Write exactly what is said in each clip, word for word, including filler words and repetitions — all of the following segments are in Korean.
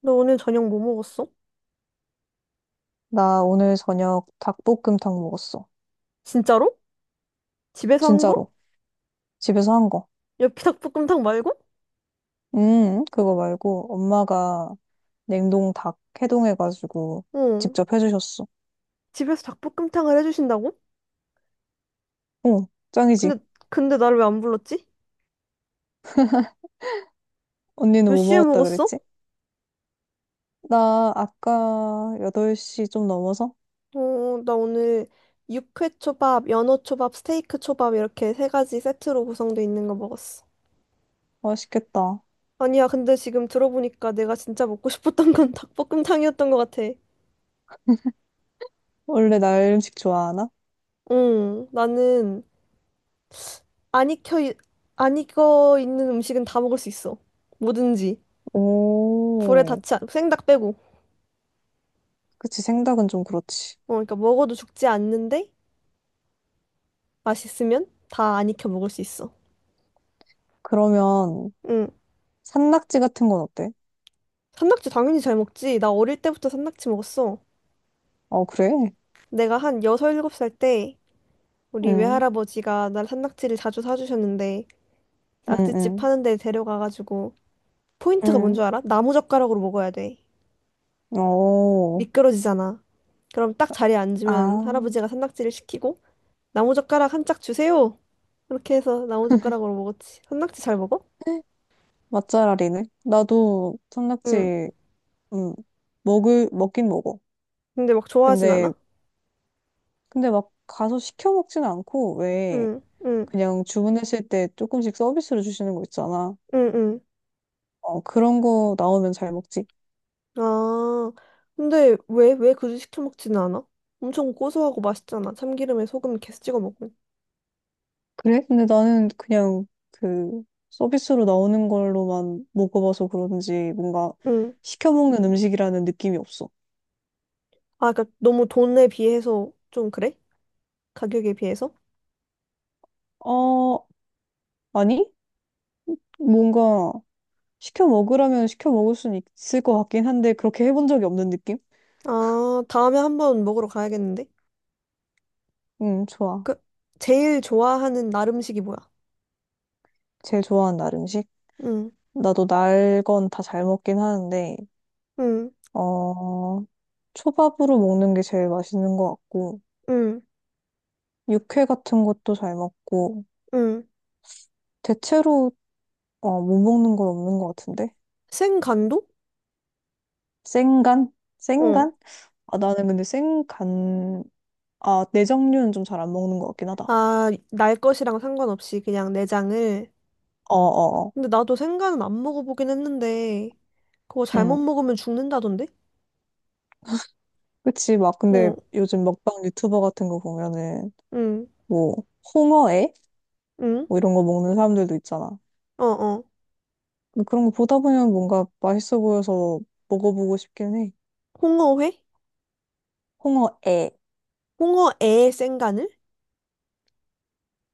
너 오늘 저녁 뭐 먹었어? 나 오늘 저녁 닭볶음탕 먹었어. 진짜로? 집에서 한 거? 진짜로. 집에서 한 거. 엽기 닭볶음탕 말고? 음, 그거 말고 엄마가 냉동 닭 해동해가지고 응. 직접 해주셨어. 집에서 닭볶음탕을 해주신다고? 응, 짱이지. 근데, 근데 나를 왜 안 불렀지? 언니는 몇 뭐 시에 먹었다 먹었어? 그랬지? 나 아까 여덟 시 좀 넘어서? 어, 나 오늘 육회 초밥, 연어 초밥, 스테이크 초밥 이렇게 세 가지 세트로 구성돼 있는 거 먹었어. 맛있겠다. 아니야, 근데 지금 들어보니까 내가 진짜 먹고 싶었던 건 닭볶음탕이었던 것 같아. 원래 날 음식 좋아하나? 응, 나는 안 익혀, 이- 안 익어 있는 음식은 다 먹을 수 있어. 뭐든지. 불에 오, 닿지 않, 생닭 빼고. 그치. 생닭은 좀 그렇지. 어, 그러니까 먹어도 죽지 않는데 맛있으면 다 안 익혀 먹을 수 있어. 그러면 응. 산낙지 같은 건 어때? 산낙지 당연히 잘 먹지. 나 어릴 때부터 산낙지 먹었어. 어, 그래? 내가 한 여섯 일곱 살 때 우리 응, 외할아버지가 날 산낙지를 자주 사주셨는데 응, 낙지집 응, 파는 데 데려가가지고 포인트가 뭔 줄 응. 알아? 나무젓가락으로 먹어야 돼. 오. 미끄러지잖아. 그럼 딱 자리에 앉으면 아. 할아버지가 산낙지를 시키고 나무젓가락 한 짝 주세요. 이렇게 해서 나무젓가락으로 먹었지. 산낙지 잘 먹어? 맛잘알이네. 나도 응. 산낙지, 음, 먹을, 먹긴 먹어. 근데 막 좋아하진 않아? 근데, 근데 막 가서 시켜 먹진 않고, 왜, 응, 응, 그냥 주문했을 때 조금씩 서비스로 주시는 거 있잖아. 응, 응. 어, 그런 거 나오면 잘 먹지. 아, 근데 왜, 왜 굳이 시켜 먹지는 않아? 엄청 고소하고 맛있잖아. 참기름에 소금 계속 찍어 먹으면. 그래? 근데 나는 그냥 그 서비스로 나오는 걸로만 먹어봐서 그런지 뭔가 응. 시켜 먹는 음식이라는 느낌이 없어. 아, 그러니까 너무 돈에 비해서 좀 그래? 가격에 비해서? 어, 아니? 뭔가 시켜 먹으라면 시켜 먹을 수는 있을 것 같긴 한데, 그렇게 해본 적이 없는 느낌? 아, 다음에 한번 먹으러 가야겠는데? 응 좋아. 그, 제일 좋아하는 날 음식이 뭐야? 제일 좋아하는 날 음식? 응, 나도 날 건 다 잘 먹긴 하는데, 응, 어, 초밥으로 먹는 게 제일 맛있는 것 같고, 응, 육회 같은 것도 잘 먹고, 응. 대체로, 어, 못 먹는 건 없는 것 같은데? 생간도? 생간? 어. 생간? 아, 나는 근데 생간, 아, 내장류는 좀 잘 안 먹는 것 같긴 하다. 아, 날 것이랑 상관없이 그냥 내장을. 어어어. 근데 나도 생간은 안 먹어보긴 했는데, 그거 잘못 응 먹으면 죽는다던데? 그치, 막, 근데 어, 요즘 먹방 유튜버 같은 거 보면은, 응, 뭐, 홍어회? 응. 뭐 이런 거 먹는 사람들도 있잖아. 어, 어. 근데 그런 거 보다 보면 뭔가 맛있어 보여서 먹어보고 싶긴 해. 홍어회? 홍어에. 홍어애 생간을?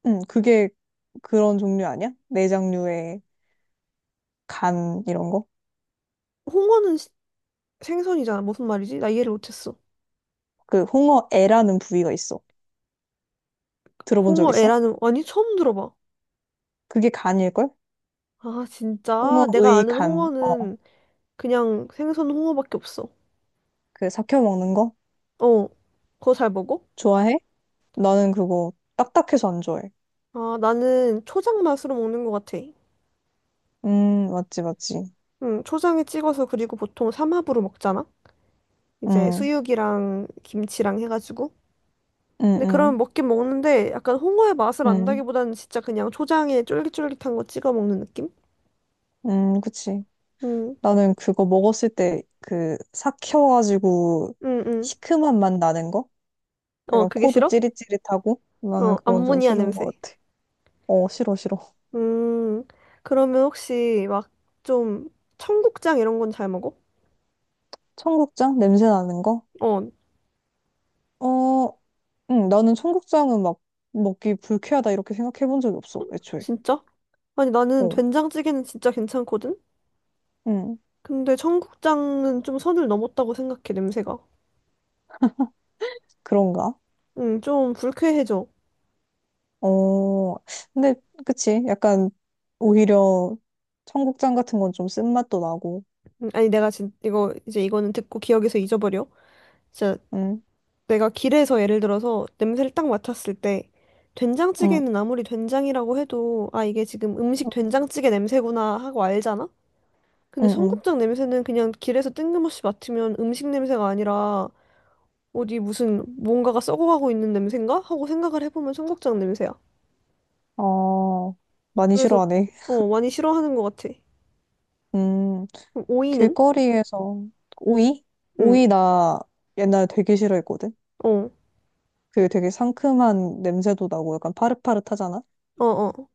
응, 그게 그런 종류 아니야? 내장류의 간 이런 거? 홍어는 시- 생선이잖아. 무슨 말이지? 나 이해를 못했어. 그 홍어애라는 부위가 있어. 들어본 적 있어? 홍어애라는, 아니, 처음 들어봐. 그게 간일걸? 아, 진짜. 내가 홍어의 아는 간. 어, 홍어는 그냥 생선 홍어밖에 없어. 그 삭혀 먹는 거? 어. 그거 잘 먹어? 좋아해? 나는 그거 딱딱해서 안 좋아해. 아, 나는 초장 맛으로 먹는 것 같아. 음, 맞지, 맞지. 응, 초장에 찍어서 그리고 보통 삼합으로 먹잖아? 이제 음, 수육이랑 김치랑 해가지고. 음, 근데 그러면 음, 먹긴 먹는데 약간 홍어의 맛을 음, 안다기보다는 진짜 그냥 초장에 쫄깃쫄깃한 거 찍어 먹는 느낌? 음, 그치. 음, 나는 그거 먹었을 때 그 삭혀가지고 응, 응. 시큼한 맛 나는 거? 어, 약간 그게 코도 싫어? 찌릿찌릿하고 나는 어, 그건 좀 암모니아 싫은 것 냄새. 같아. 어, 싫어, 싫어. 음, 그러면 혹시 막 좀 청국장 이런 건 잘 먹어? 청국장? 냄새 나는 거? 어, 어, 응, 나는 청국장은 막 먹기 불쾌하다 이렇게 생각해 본 적이 없어, 애초에. 진짜? 아니, 나는 어, 된장찌개는 진짜 괜찮거든? 응, 근데 청국장은 좀 선을 넘었다고 생각해, 냄새가. 그런가? 응, 좀 불쾌해져. 어, 근데, 그치. 약간, 오히려 청국장 같은 건 좀 쓴맛도 나고, 음, 아니, 내가 진, 이거, 이제 이거는 듣고 기억에서 잊어버려. 진짜 응, 내가 길에서 예를 들어서 냄새를 딱 맡았을 때 응, 된장찌개는 아무리 된장이라고 해도 아, 이게 지금 음식 응, 된장찌개 냄새구나 하고 알잖아? 근데 응. 청국장 냄새는 그냥 길에서 뜬금없이 맡으면 음식 냄새가 아니라 어디 무슨 뭔가가 썩어가고 있는 냄새인가? 하고 생각을 해보면 청국장 냄새야. 응. 어, 많이 그래서 싫어하네. 어 많이 싫어하는 것 같아. 음. 그럼 오이는? 길거리에서 오이? 응. 오이 나 옛날에 되게 싫어했거든. 어. 그 되게 상큼한 냄새도 나고 약간 파릇파릇하잖아? 어 어.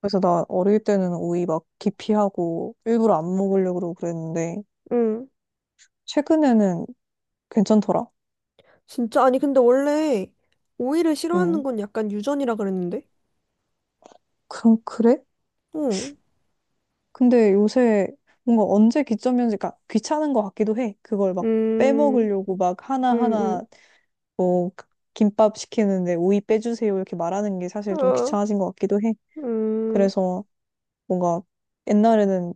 그래서 나 어릴 때는 오이 막 기피하고 일부러 안 먹으려고 그러고 그랬는데 응. 최근에는 괜찮더라. 진짜 아니 근데 원래 오이를 싫어하는 응. 건 약간 유전이라 그랬는데. 그럼 그래? 응. 근데 요새 뭔가 언제 기점이었는지 그러니까 귀찮은 것 같기도 해. 그걸 막 음. 빼먹으려고 막 하나하나 음. 뭐 김밥 시키는데 오이 빼주세요 이렇게 말하는 게 음. 사실 좀 어. 귀찮아진 것 같기도 해. 음. 그래서 뭔가 옛날에는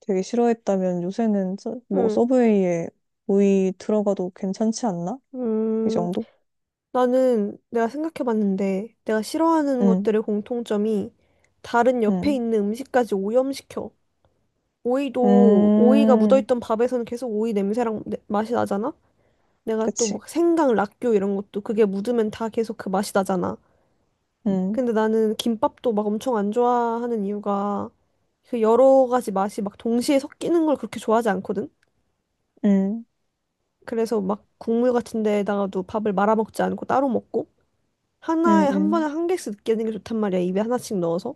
되게 싫어했다면 요새는 서- 뭐 음. 서브웨이에 오이 들어가도 괜찮지 않나? 이 음. 정도? 나는 내가 생각해봤는데 내가 싫어하는 응, 것들의 공통점이 다른 옆에 응, 있는 음식까지 오염시켜. 오이도 오이가 음, 묻어있던 밥에서는 계속 오이 냄새랑 내- 맛이 나잖아. 내가 또 그치. 막 생강, 락교 이런 것도 그게 묻으면 다 계속 그 맛이 나잖아. 응, 근데 나는 김밥도 막 엄청 안 좋아하는 이유가 그 여러 가지 맛이 막 동시에 섞이는 걸 그렇게 좋아하지 않거든. 응, 그래서 막 국물 같은 데다가도 밥을 말아먹지 않고 따로 먹고. 응, 하나에 한 번에 응, 한 개씩 넣게 되는 게 좋단 말이야. 입에 하나씩 넣어서.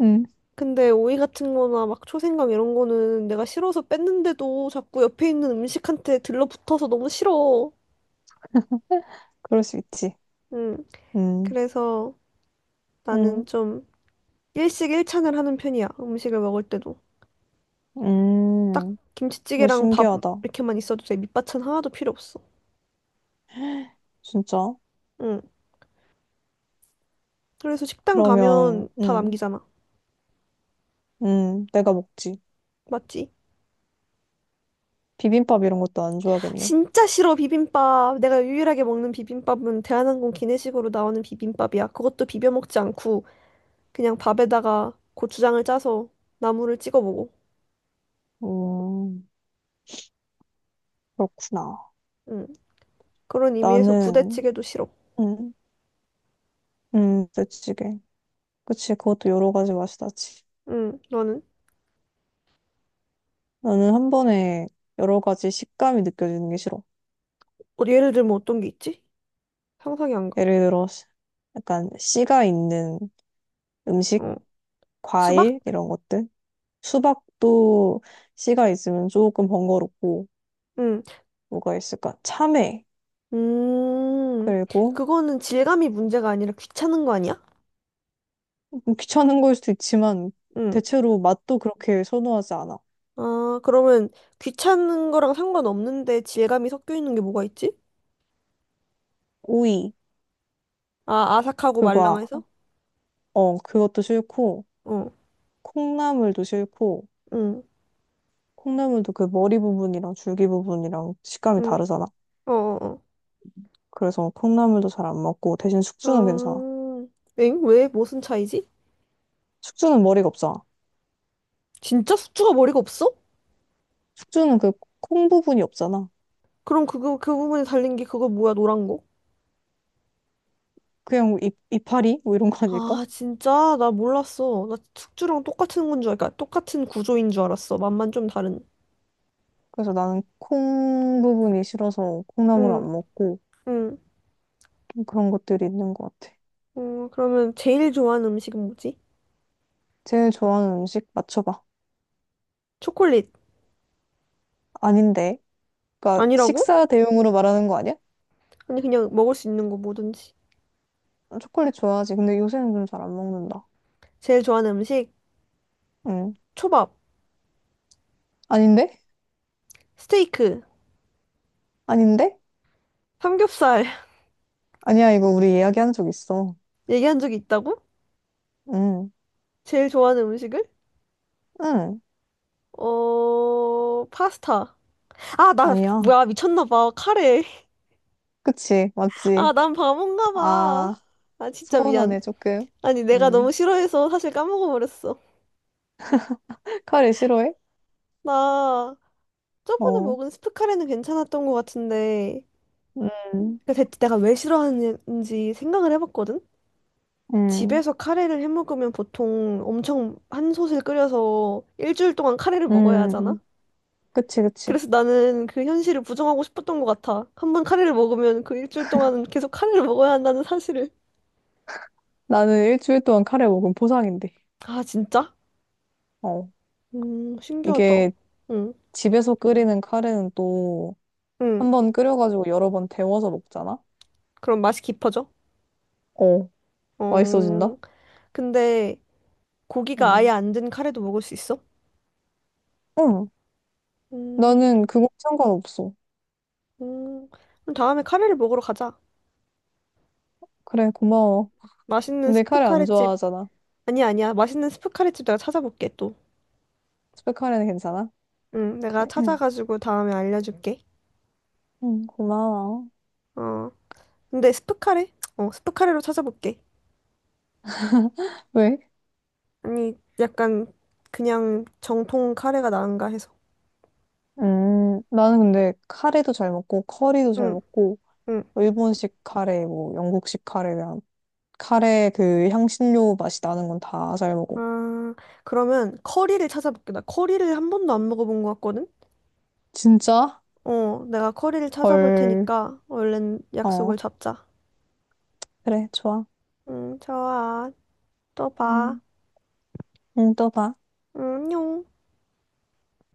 응, 근데 오이 같은 거나 막 초생강 이런 거는 내가 싫어서 뺐는데도 자꾸 옆에 있는 음식한테 들러붙어서 너무 싫어. 그럴 수 있지. 응. 응, 그래서 나는 응, 좀 일식 일찬을 하는 편이야. 음식을 먹을 때도. 딱 응, 너 김치찌개랑 밥 신기하다. 이렇게만 있어도 돼. 밑반찬 하나도 필요 없어. 진짜? 응. 그래서 식당 그러면, 가면 다 응, 남기잖아. 응, 내가 먹지. 맞지? 비빔밥 이런 것도 안 좋아하겠네. 진짜 싫어, 비빔밥. 내가 유일하게 먹는 비빔밥은 대한항공 기내식으로 나오는 비빔밥이야. 그것도 비벼 먹지 않고 그냥 밥에다가 고추장을 짜서 나물을 찍어 먹어. 음, 그렇구나. 응. 그런 의미에서 나는, 부대찌개도 싫어. 음, 음, 부대찌개. 그치, 그것도 여러 가지 맛이 나지. 응. 너는? 나는 한 번에 여러 가지 식감이 느껴지는 게 싫어. 어, 예를 들면 어떤 게 있지? 상상이 안 가. 예를 들어, 씨- 약간 씨가 있는 음식, 어. 수박? 과일, 이런 것들. 수박도 씨가 있으면 조금 번거롭고, 응. 뭐가 있을까? 참외. 음. 그리고 그거는 질감이 문제가 아니라 귀찮은 거 아니야? 좀 귀찮은 걸 수도 있지만, 응. 대체로 맛도 그렇게 선호하지 않아. 아, 그러면 귀찮은 거랑 상관없는데 질감이 섞여 있는 게 뭐가 있지? 오이, 아, 아삭하고 그거, 말랑해서? 어, 그것도 싫고, 어 콩나물도 싫고, 응, 콩나물도 그 머리 부분이랑 줄기 부분이랑 식감이 응, 다르잖아. 어, 어, 그래서 콩나물도 잘 안 먹고 대신 어. 숙주는 괜찮아. 아, 엥? 왜? 무슨 차이지? 숙주는 머리가 없잖아. 진짜 숙주가 머리가 없어? 숙주는 그 콩 부분이 없잖아. 그럼 그거, 그 부분에 달린 게 그거 뭐야, 노란 거? 그냥 이, 이파리? 뭐 이런 거 아닐까? 아, 진짜? 나 몰랐어. 나 숙주랑 똑같은 건 줄 알까? 똑같은 구조인 줄 알았어. 맛만 좀 다른. 그래서 나는 콩 부분이 싫어서 콩나물 응, 안 먹고 응. 좀 그런 것들이 있는 것 같아. 어, 그러면 제일 좋아하는 음식은 뭐지? 제일 좋아하는 음식 맞춰봐. 초콜릿. 아닌데. 그러니까 아니라고? 식사 대용으로 말하는 거 아니야? 아니, 그냥 먹을 수 있는 거 뭐든지. 초콜릿 좋아하지. 근데 요새는 좀 잘 안 먹는다. 제일 좋아하는 음식? 응. 초밥. 아닌데? 스테이크. 아닌데? 삼겹살. 아니야, 이거 우리 이야기한 적 있어. 얘기한 적이 있다고? 응. 제일 좋아하는 음식을? 응. 어, 파스타. 아, 나, 아니야. 뭐야, 미쳤나 봐. 카레. 그치? 맞지? 아, 난 바본가 봐. 아. 아, 진짜 미안. 서운하네, 조금. 아니, 내가 너무 음. 싫어해서 사실 까먹어버렸어. 카레 싫어해? 나, 저번에 어. 먹은 스프 카레는 괜찮았던 것 같은데, 음. 그 대체 내가 왜 싫어하는지 생각을 해봤거든? 음. 집에서 카레를 해 먹으면 보통 엄청 한 솥을 끓여서 일주일 동안 카레를 먹어야 하잖아? 음. 그치, 그치. 그래서 나는 그 현실을 부정하고 싶었던 것 같아. 한 번 카레를 먹으면 그 일주일 동안은 계속 카레를 먹어야 한다는 사실을. 나는 일주일 동안 카레 먹으면 보상인데. 아, 진짜? 어. 음, 신기하다. 이게 응, 집에서 끓이는 카레는 또 응. 한 번 끓여가지고 여러 번 데워서 먹잖아? 그럼 맛이 깊어져? 어. 맛있어진다? 어, 근데 고기가 아예 음. 안 든 카레도 먹을 수 있어? 응. 음, 나는 그거 상관없어. 음. 그럼 다음에 카레를 먹으러 가자. 그래, 고마워. 맛있는 근데 스프 카레 안 카레집. 좋아하잖아. 아니야, 아니야. 맛있는 스프 카레집 내가 찾아볼게, 또. 스팸 카레는 괜찮아? 응, 내가 찾아가지고 다음에 알려줄게. 응, 고마워. 어, 근데 스프 카레? 어, 스프 카레로 찾아볼게. 왜? 아니, 약간 그냥 정통 카레가 나은가 해서. 음, 나는 근데 카레도 잘 먹고, 커리도 잘 응, 먹고, 응. 일본식 카레, 뭐 영국식 카레, 그냥 카레 그 향신료 맛이 나는 건 다 잘 먹어. 아, 그러면 커리를 찾아볼게. 나 커리를 한 번도 안 먹어본 것 같거든? 진짜? 어, 내가 커리를 찾아볼 헐. 테니까 얼른 약속을 어, 잡자. 그래, 좋아. 응, 좋아. 또 봐. 음, 응, 또 봐. 응, 안녕.